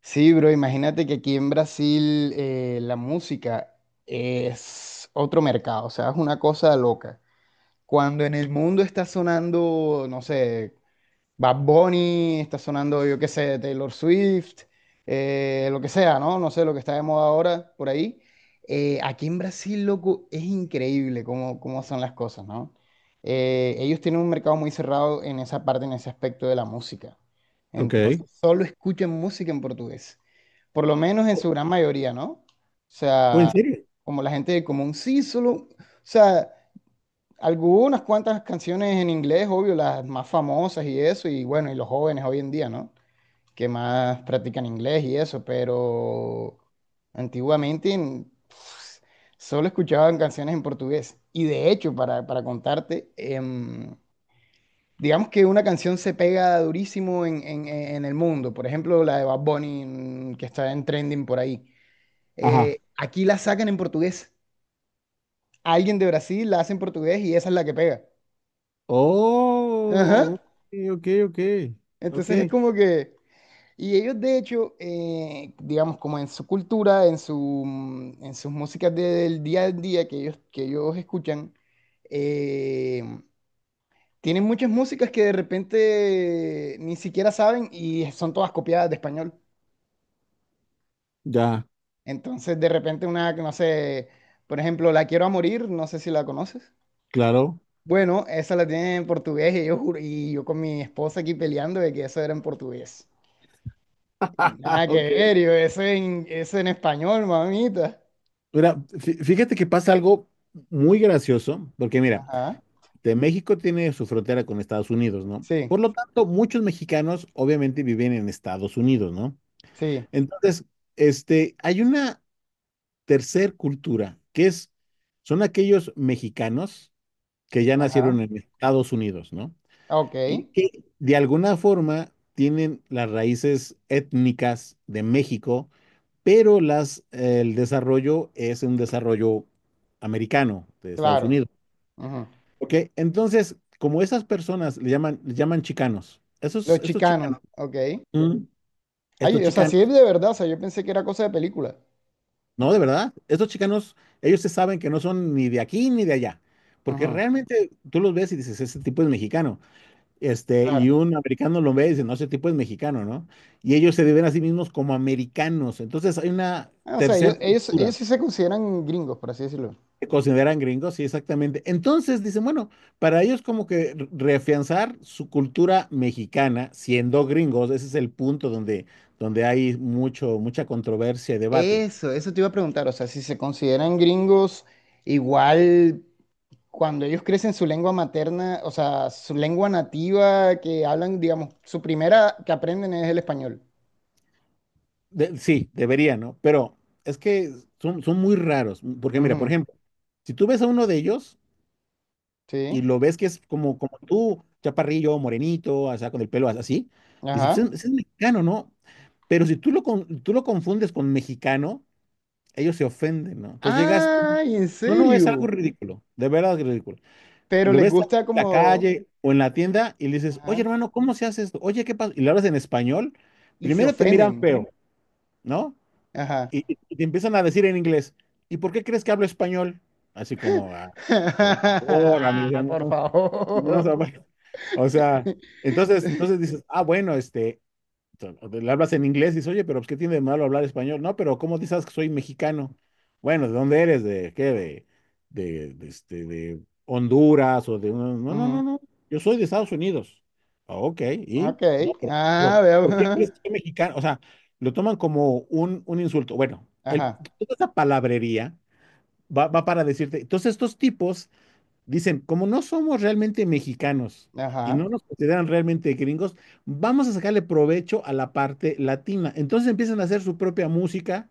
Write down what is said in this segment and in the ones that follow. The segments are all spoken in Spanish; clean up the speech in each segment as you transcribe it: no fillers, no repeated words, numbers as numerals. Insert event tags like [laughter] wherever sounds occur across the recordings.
Sí, bro, imagínate que aquí en Brasil la música es otro mercado, o sea, es una cosa loca. Cuando en el mundo está sonando, no sé, Bad Bunny, está sonando, yo qué sé, Taylor Swift, lo que sea, ¿no? No sé, lo que está de moda ahora por ahí. Aquí en Brasil, loco, es increíble cómo, cómo son las cosas, ¿no? Ellos tienen un mercado muy cerrado en esa parte, en ese aspecto de la música. Ok. Entonces, solo escuchan música en portugués, por lo menos en ¿O su gran mayoría, ¿no? O en sea, serio? como la gente del común, sí, solo, o sea... Algunas cuantas canciones en inglés, obvio, las más famosas y eso, y bueno, y los jóvenes hoy en día, ¿no? Que más practican inglés y eso, pero antiguamente solo escuchaban canciones en portugués. Y de hecho, para contarte, digamos que una canción se pega durísimo en el mundo, por ejemplo, la de Bad Bunny que está en trending por ahí. Ajá. Aquí la sacan en portugués. Alguien de Brasil la hace en portugués y esa es la que pega. Ajá. Oh, ok, ok, ok. Ok, Entonces es como que, y ellos de hecho, digamos, como en su cultura, en su, en sus músicas del día a día que ellos escuchan, eh, tienen muchas músicas que de repente ni siquiera saben y son todas copiadas de español. ya, Entonces de repente una, que no sé, por ejemplo, La Quiero a Morir, no sé si la conoces. claro. Bueno, esa la tienen en portugués y y yo con mi esposa aquí peleando de que eso era en portugués. Y nada [laughs] que Ok. ver, yo, eso en, eso en español, mamita. Mira, fíjate que pasa algo muy gracioso, porque mira, Ajá, de México tiene su frontera con Estados Unidos, ¿no? sí, Por lo tanto, muchos mexicanos obviamente viven en Estados Unidos, ¿no? sí, Entonces, hay una tercer cultura, que es, son aquellos mexicanos que ya ajá, nacieron en Estados Unidos, ¿no? ok, Y que de alguna forma tienen las raíces étnicas de México, pero el desarrollo es un desarrollo americano de Estados claro. Unidos. Ujú. ¿Ok? Entonces, como esas personas le llaman chicanos, Los estos chicanos, chicanos, ok. mm, estos Ay, o sea, chicanos, sí es de verdad, o sea, yo pensé que era cosa de película. no, de verdad, estos chicanos, ellos se saben que no son ni de aquí ni de allá, porque Ujú, realmente tú los ves y dices, ese tipo es mexicano. Este, y claro. un americano lo ve y dice, no, ese tipo es mexicano, ¿no? Y ellos se ven a sí mismos como americanos. Entonces hay una Ah, o sea, ellos, tercera ellos, ellos cultura. sí se consideran gringos, por así decirlo. Se consideran gringos, sí, exactamente. Entonces dicen, bueno, para ellos como que reafianzar su cultura mexicana siendo gringos, ese es el punto donde, donde hay mucho, mucha controversia y debate. Eso te iba a preguntar, o sea, si se consideran gringos, igual cuando ellos crecen su lengua materna, o sea, su lengua nativa que hablan, digamos, su primera que aprenden es el español. Sí, debería, ¿no? Pero es que son, son muy raros, porque mira, por Ujú, ejemplo, si tú ves a uno de ellos, sí, y lo ves que es como, como tú, chaparrillo, morenito, o sea, con el pelo así, dices, pues ajá. Es mexicano, ¿no? Pero si tú lo, tú lo confundes con mexicano, ellos se ofenden, ¿no? Entonces llegas, ¡Ay, en no, no, es algo serio! ridículo, de verdad es ridículo. Pero Lo les ves en gusta la como... calle o en la tienda y le dices, oye, Ajá. hermano, ¿cómo se hace esto? Oye, ¿qué pasa? Y le hablas en español, Y se primero te miran ofenden. feo, ¿no? Ajá. Y, y te empiezan a decir en inglés, ¿y por qué crees que hablo español? Así como, "Ah, por favor, amigo, ya [laughs] Por no, no se favor. vaya". [laughs] O sea, entonces, entonces dices, ah, bueno, este, o sea, le hablas en inglés y dices, oye, pero pues, ¿qué tiene de malo hablar español? No, pero ¿cómo dices que soy mexicano? Bueno, ¿de dónde eres? ¿De qué? ¿De, este, de Honduras o de... No, no, no, Ujú, no. Yo soy de Estados Unidos. Ah, ok, ok. ¿y? No, Ah, pero, veo. ¿por qué crees que soy [laughs] mexicano? O sea, lo toman como un insulto. Bueno, el, Ajá. toda esa palabrería va, va para decirte, entonces estos tipos dicen, como no somos realmente mexicanos Ajá. y no Ajá. nos consideran realmente gringos, vamos a sacarle provecho a la parte latina. Entonces empiezan a hacer su propia música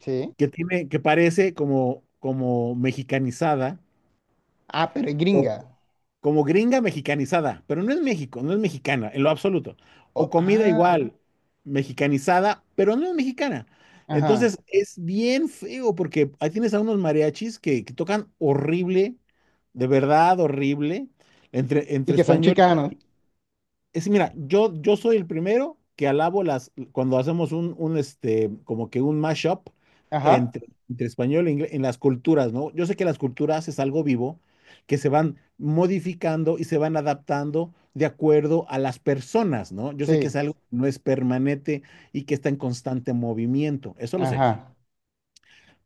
Sí. que tiene, que parece como, como mexicanizada Ah, pero es o, gringa. como gringa mexicanizada, pero no es México, no es mexicana en lo absoluto. O comida Ah, igual, mexicanizada, pero no es mexicana. ajá. Entonces es bien feo porque ahí tienes a unos mariachis que tocan horrible, de verdad horrible, entre, Y entre que son español chicanos. es, mira, yo soy el primero que alabo las, cuando hacemos un este, como que un mashup Ajá. entre, entre español e inglés, en las culturas, ¿no? Yo sé que las culturas es algo vivo, que se van modificando y se van adaptando de acuerdo a las personas, ¿no? Yo sé que Sí. es algo que no es permanente y que está en constante movimiento, eso lo sé. Ajá.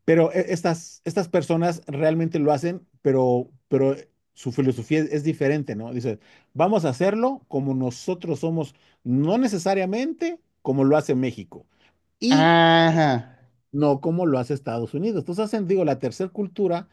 Pero estas, estas personas realmente lo hacen, pero su filosofía es diferente, ¿no? Dice, vamos a hacerlo como nosotros somos, no necesariamente como lo hace México y Ajá. no como lo hace Estados Unidos. Entonces hacen, digo, la tercera cultura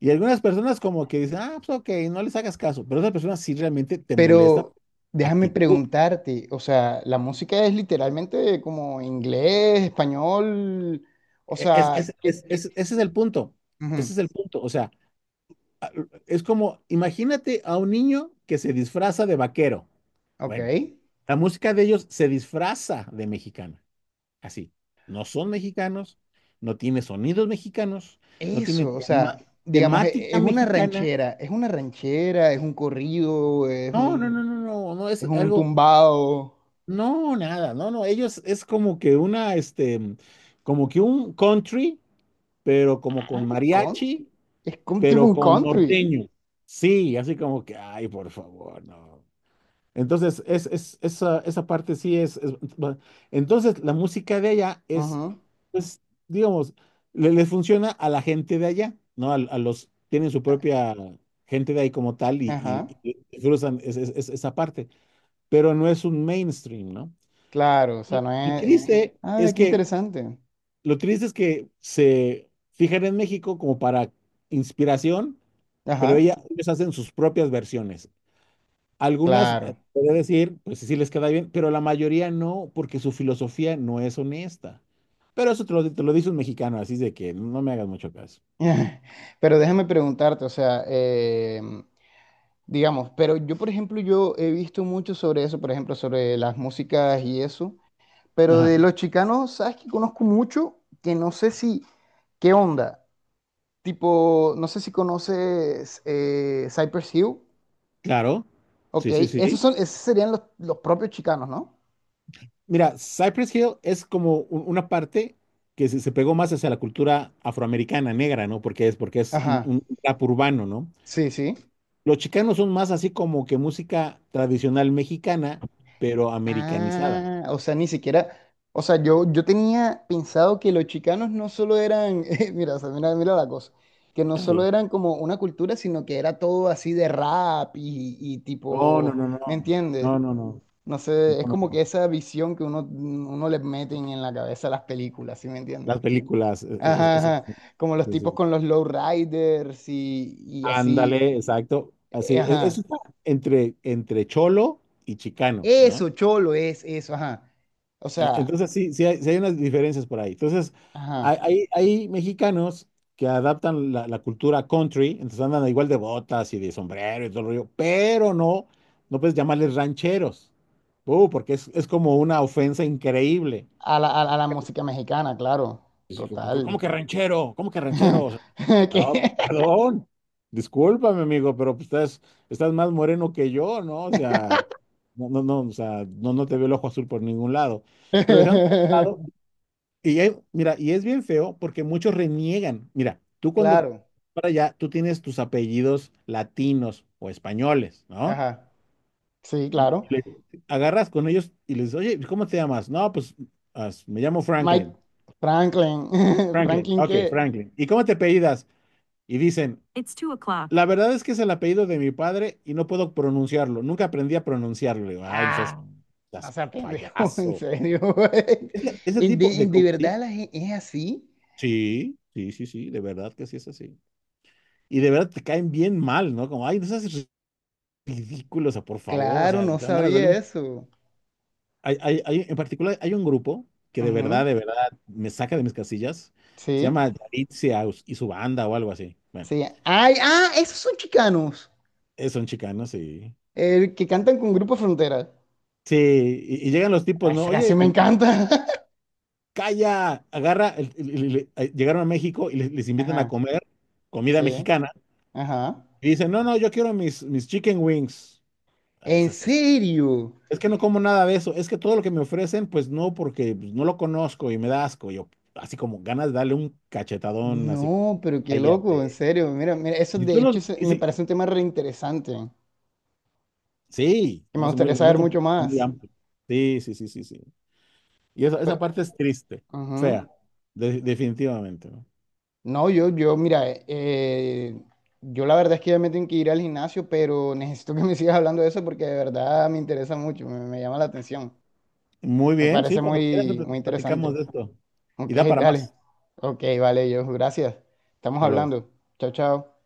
y algunas personas como que dicen, ah, pues ok, no les hagas caso, pero otras personas sí realmente te molesta Pero déjame actitud. preguntarte, o sea, la música es literalmente como inglés, español, o sea, ¿qué, qué? Ese es el punto, Ujú, ese es el punto, o sea. Es como, imagínate a un niño que se disfraza de vaquero. ok, Bueno, la música de ellos se disfraza de mexicana, así. No son mexicanos, no tiene sonidos mexicanos, no tiene eso, o sea, digamos, temática es una mexicana. ranchera, es una ranchera, es un corrido, No, no, no, no, no, no es es un algo, tumbado, no, nada, no, no, ellos es como que una, este, como que un country, pero como ah, con con, mariachi, es como tipo pero un con country, norteño. Sí, así como que, ay, por favor, no. Entonces, es, esa, esa parte sí es, va- entonces, la música de allá es, ajá, pues, digamos, le, les funciona a la gente de allá, ¿no? A los, tienen su propia gente de ahí como tal ajá, y cruzan esa parte, pero no es un mainstream, ¿no? claro, o sea, no Lo es, triste ah, es qué que, interesante, lo triste es que se fijan en México como para inspiración, pero ajá, ella, ellos hacen sus propias versiones. Algunas, claro. podría decir, pues sí sí les queda bien, pero la mayoría no, porque su filosofía no es honesta. Pero eso te lo dice un mexicano, así de que no me hagas mucho caso. [laughs] Pero déjame preguntarte, o sea, digamos, pero yo, por ejemplo, yo he visto mucho sobre eso, por ejemplo, sobre las músicas y eso, pero Ajá, de los chicanos, ¿sabes que conozco mucho? Que no sé si, ¿qué onda? Tipo, no sé si conoces Cypress Hill, claro. ok, Sí, sí, sí. esos son, esos serían los propios chicanos, ¿no? Mira, Cypress Hill es como una parte que se pegó más hacia la cultura afroamericana, negra, ¿no? Porque es Ajá, un rap urbano, ¿no? sí, sí. Los chicanos son más así como que música tradicional mexicana, pero americanizada. Ah, o sea, ni siquiera, o sea, yo tenía pensado que los chicanos no solo eran, [laughs] mira, o sea, mira, mira la cosa, que no solo Ajá. eran como una cultura, sino que era todo así de rap y No, no, tipo, no, ¿me no. entiendes? No, no, no. No No, sé, es no, como que no. esa visión que uno, uno le meten en la cabeza a las películas, ¿sí me entiendes? Las películas, Ajá, ajá, exacto. como los Sí, tipos sí. con los lowriders y así, Ándale, exacto. Así, eso ajá. está entre, entre cholo y chicano, ¿no? Eso, cholo, es eso, ajá. O sea, Entonces sí, sí hay unas diferencias por ahí. Entonces, hay, ajá. hay, hay mexicanos que adaptan la, la cultura country, entonces andan igual de botas y de sombrero y todo el rollo, pero no, no puedes llamarles rancheros. Porque es como una ofensa increíble. A la música mexicana, claro, Sí, total. ¿cómo que ranchero? ¿Cómo que ranchero? O sea, [laughs] ah, ¿Qué? perdón. Discúlpame, amigo, pero pues, estás, estás más moreno que yo, ¿no? O sea, no, no, no, o sea, no, no te veo el ojo azul por ningún lado. Pero dejando de lado, [laughs] y mira, y es bien feo porque muchos reniegan. Mira, tú cuando Claro, para allá, tú tienes tus apellidos latinos o españoles, ¿no? ajá, sí, Y claro. Agarras con ellos y les dices, oye, ¿cómo te llamas? No, pues me llamo Mike Franklin. Franklin, [laughs] Franklin, Franklin ok, que... Franklin. ¿Y cómo te apellidas? Y dicen, It's two o'clock. La verdad es que es el apellido de mi padre y no puedo pronunciarlo. Nunca aprendí a pronunciarlo. Le digo, ay, no seas, Ah, no seas se pendejo, [laughs] en payaso. serio. Güey. Ese ¿Y ¿De, tipo y de... de Sí, verdad es así? sí, sí, sí, sí, de verdad que sí es así. Y de verdad te caen bien mal, ¿no? Como, ay, no seas ridículo, o sea, por favor, o Claro, sea, y no te dan ganas de darle sabía un... eso. Hay, en particular, hay un grupo que Ujú, de verdad, me saca de mis casillas. Se sí, llama Yalitza y su banda o algo así. Bueno, sí. Ay, ah, esos son chicanos, son chicanos y... el que cantan con Grupo Frontera. Sí, sí, y llegan los Ah, tipos, ¿no? esa canción Oye, me encanta. calla, agarra, llegaron a México y les [laughs] invitan a Ajá, comer sí, comida mexicana. ajá. Y dicen, no, no, yo quiero mis, mis chicken wings. Ah, ¿En esas, o sea, serio? es que no como nada de eso, es que todo lo que me ofrecen, pues no, porque pues, no lo conozco y me da asco. Yo, así como ganas de darle un cachetadón, así como, No, pero qué loco, en cállate. serio. Mira, mira, eso Y de tú hecho lo, y me sí, parece un tema reinteresante, sí, que no, me gustaría es muy saber mucho complejo, muy más. amplio. Sí, sí, sí, sí, sí. Y esa Pe- parte es triste, ujú. fea, definitivamente. ¿No? No, mira, yo la verdad es que ya me tengo que ir al gimnasio, pero necesito que me [laughs] sigas hablando de eso porque de verdad me interesa mucho, me llama la atención. Muy Me bien, sí, parece cuando quieras muy, muy platicamos interesante. de esto. Y Ok, da para dale. más. Ok, vale, yo, gracias. Estamos Hasta luego. hablando. Chao, chao.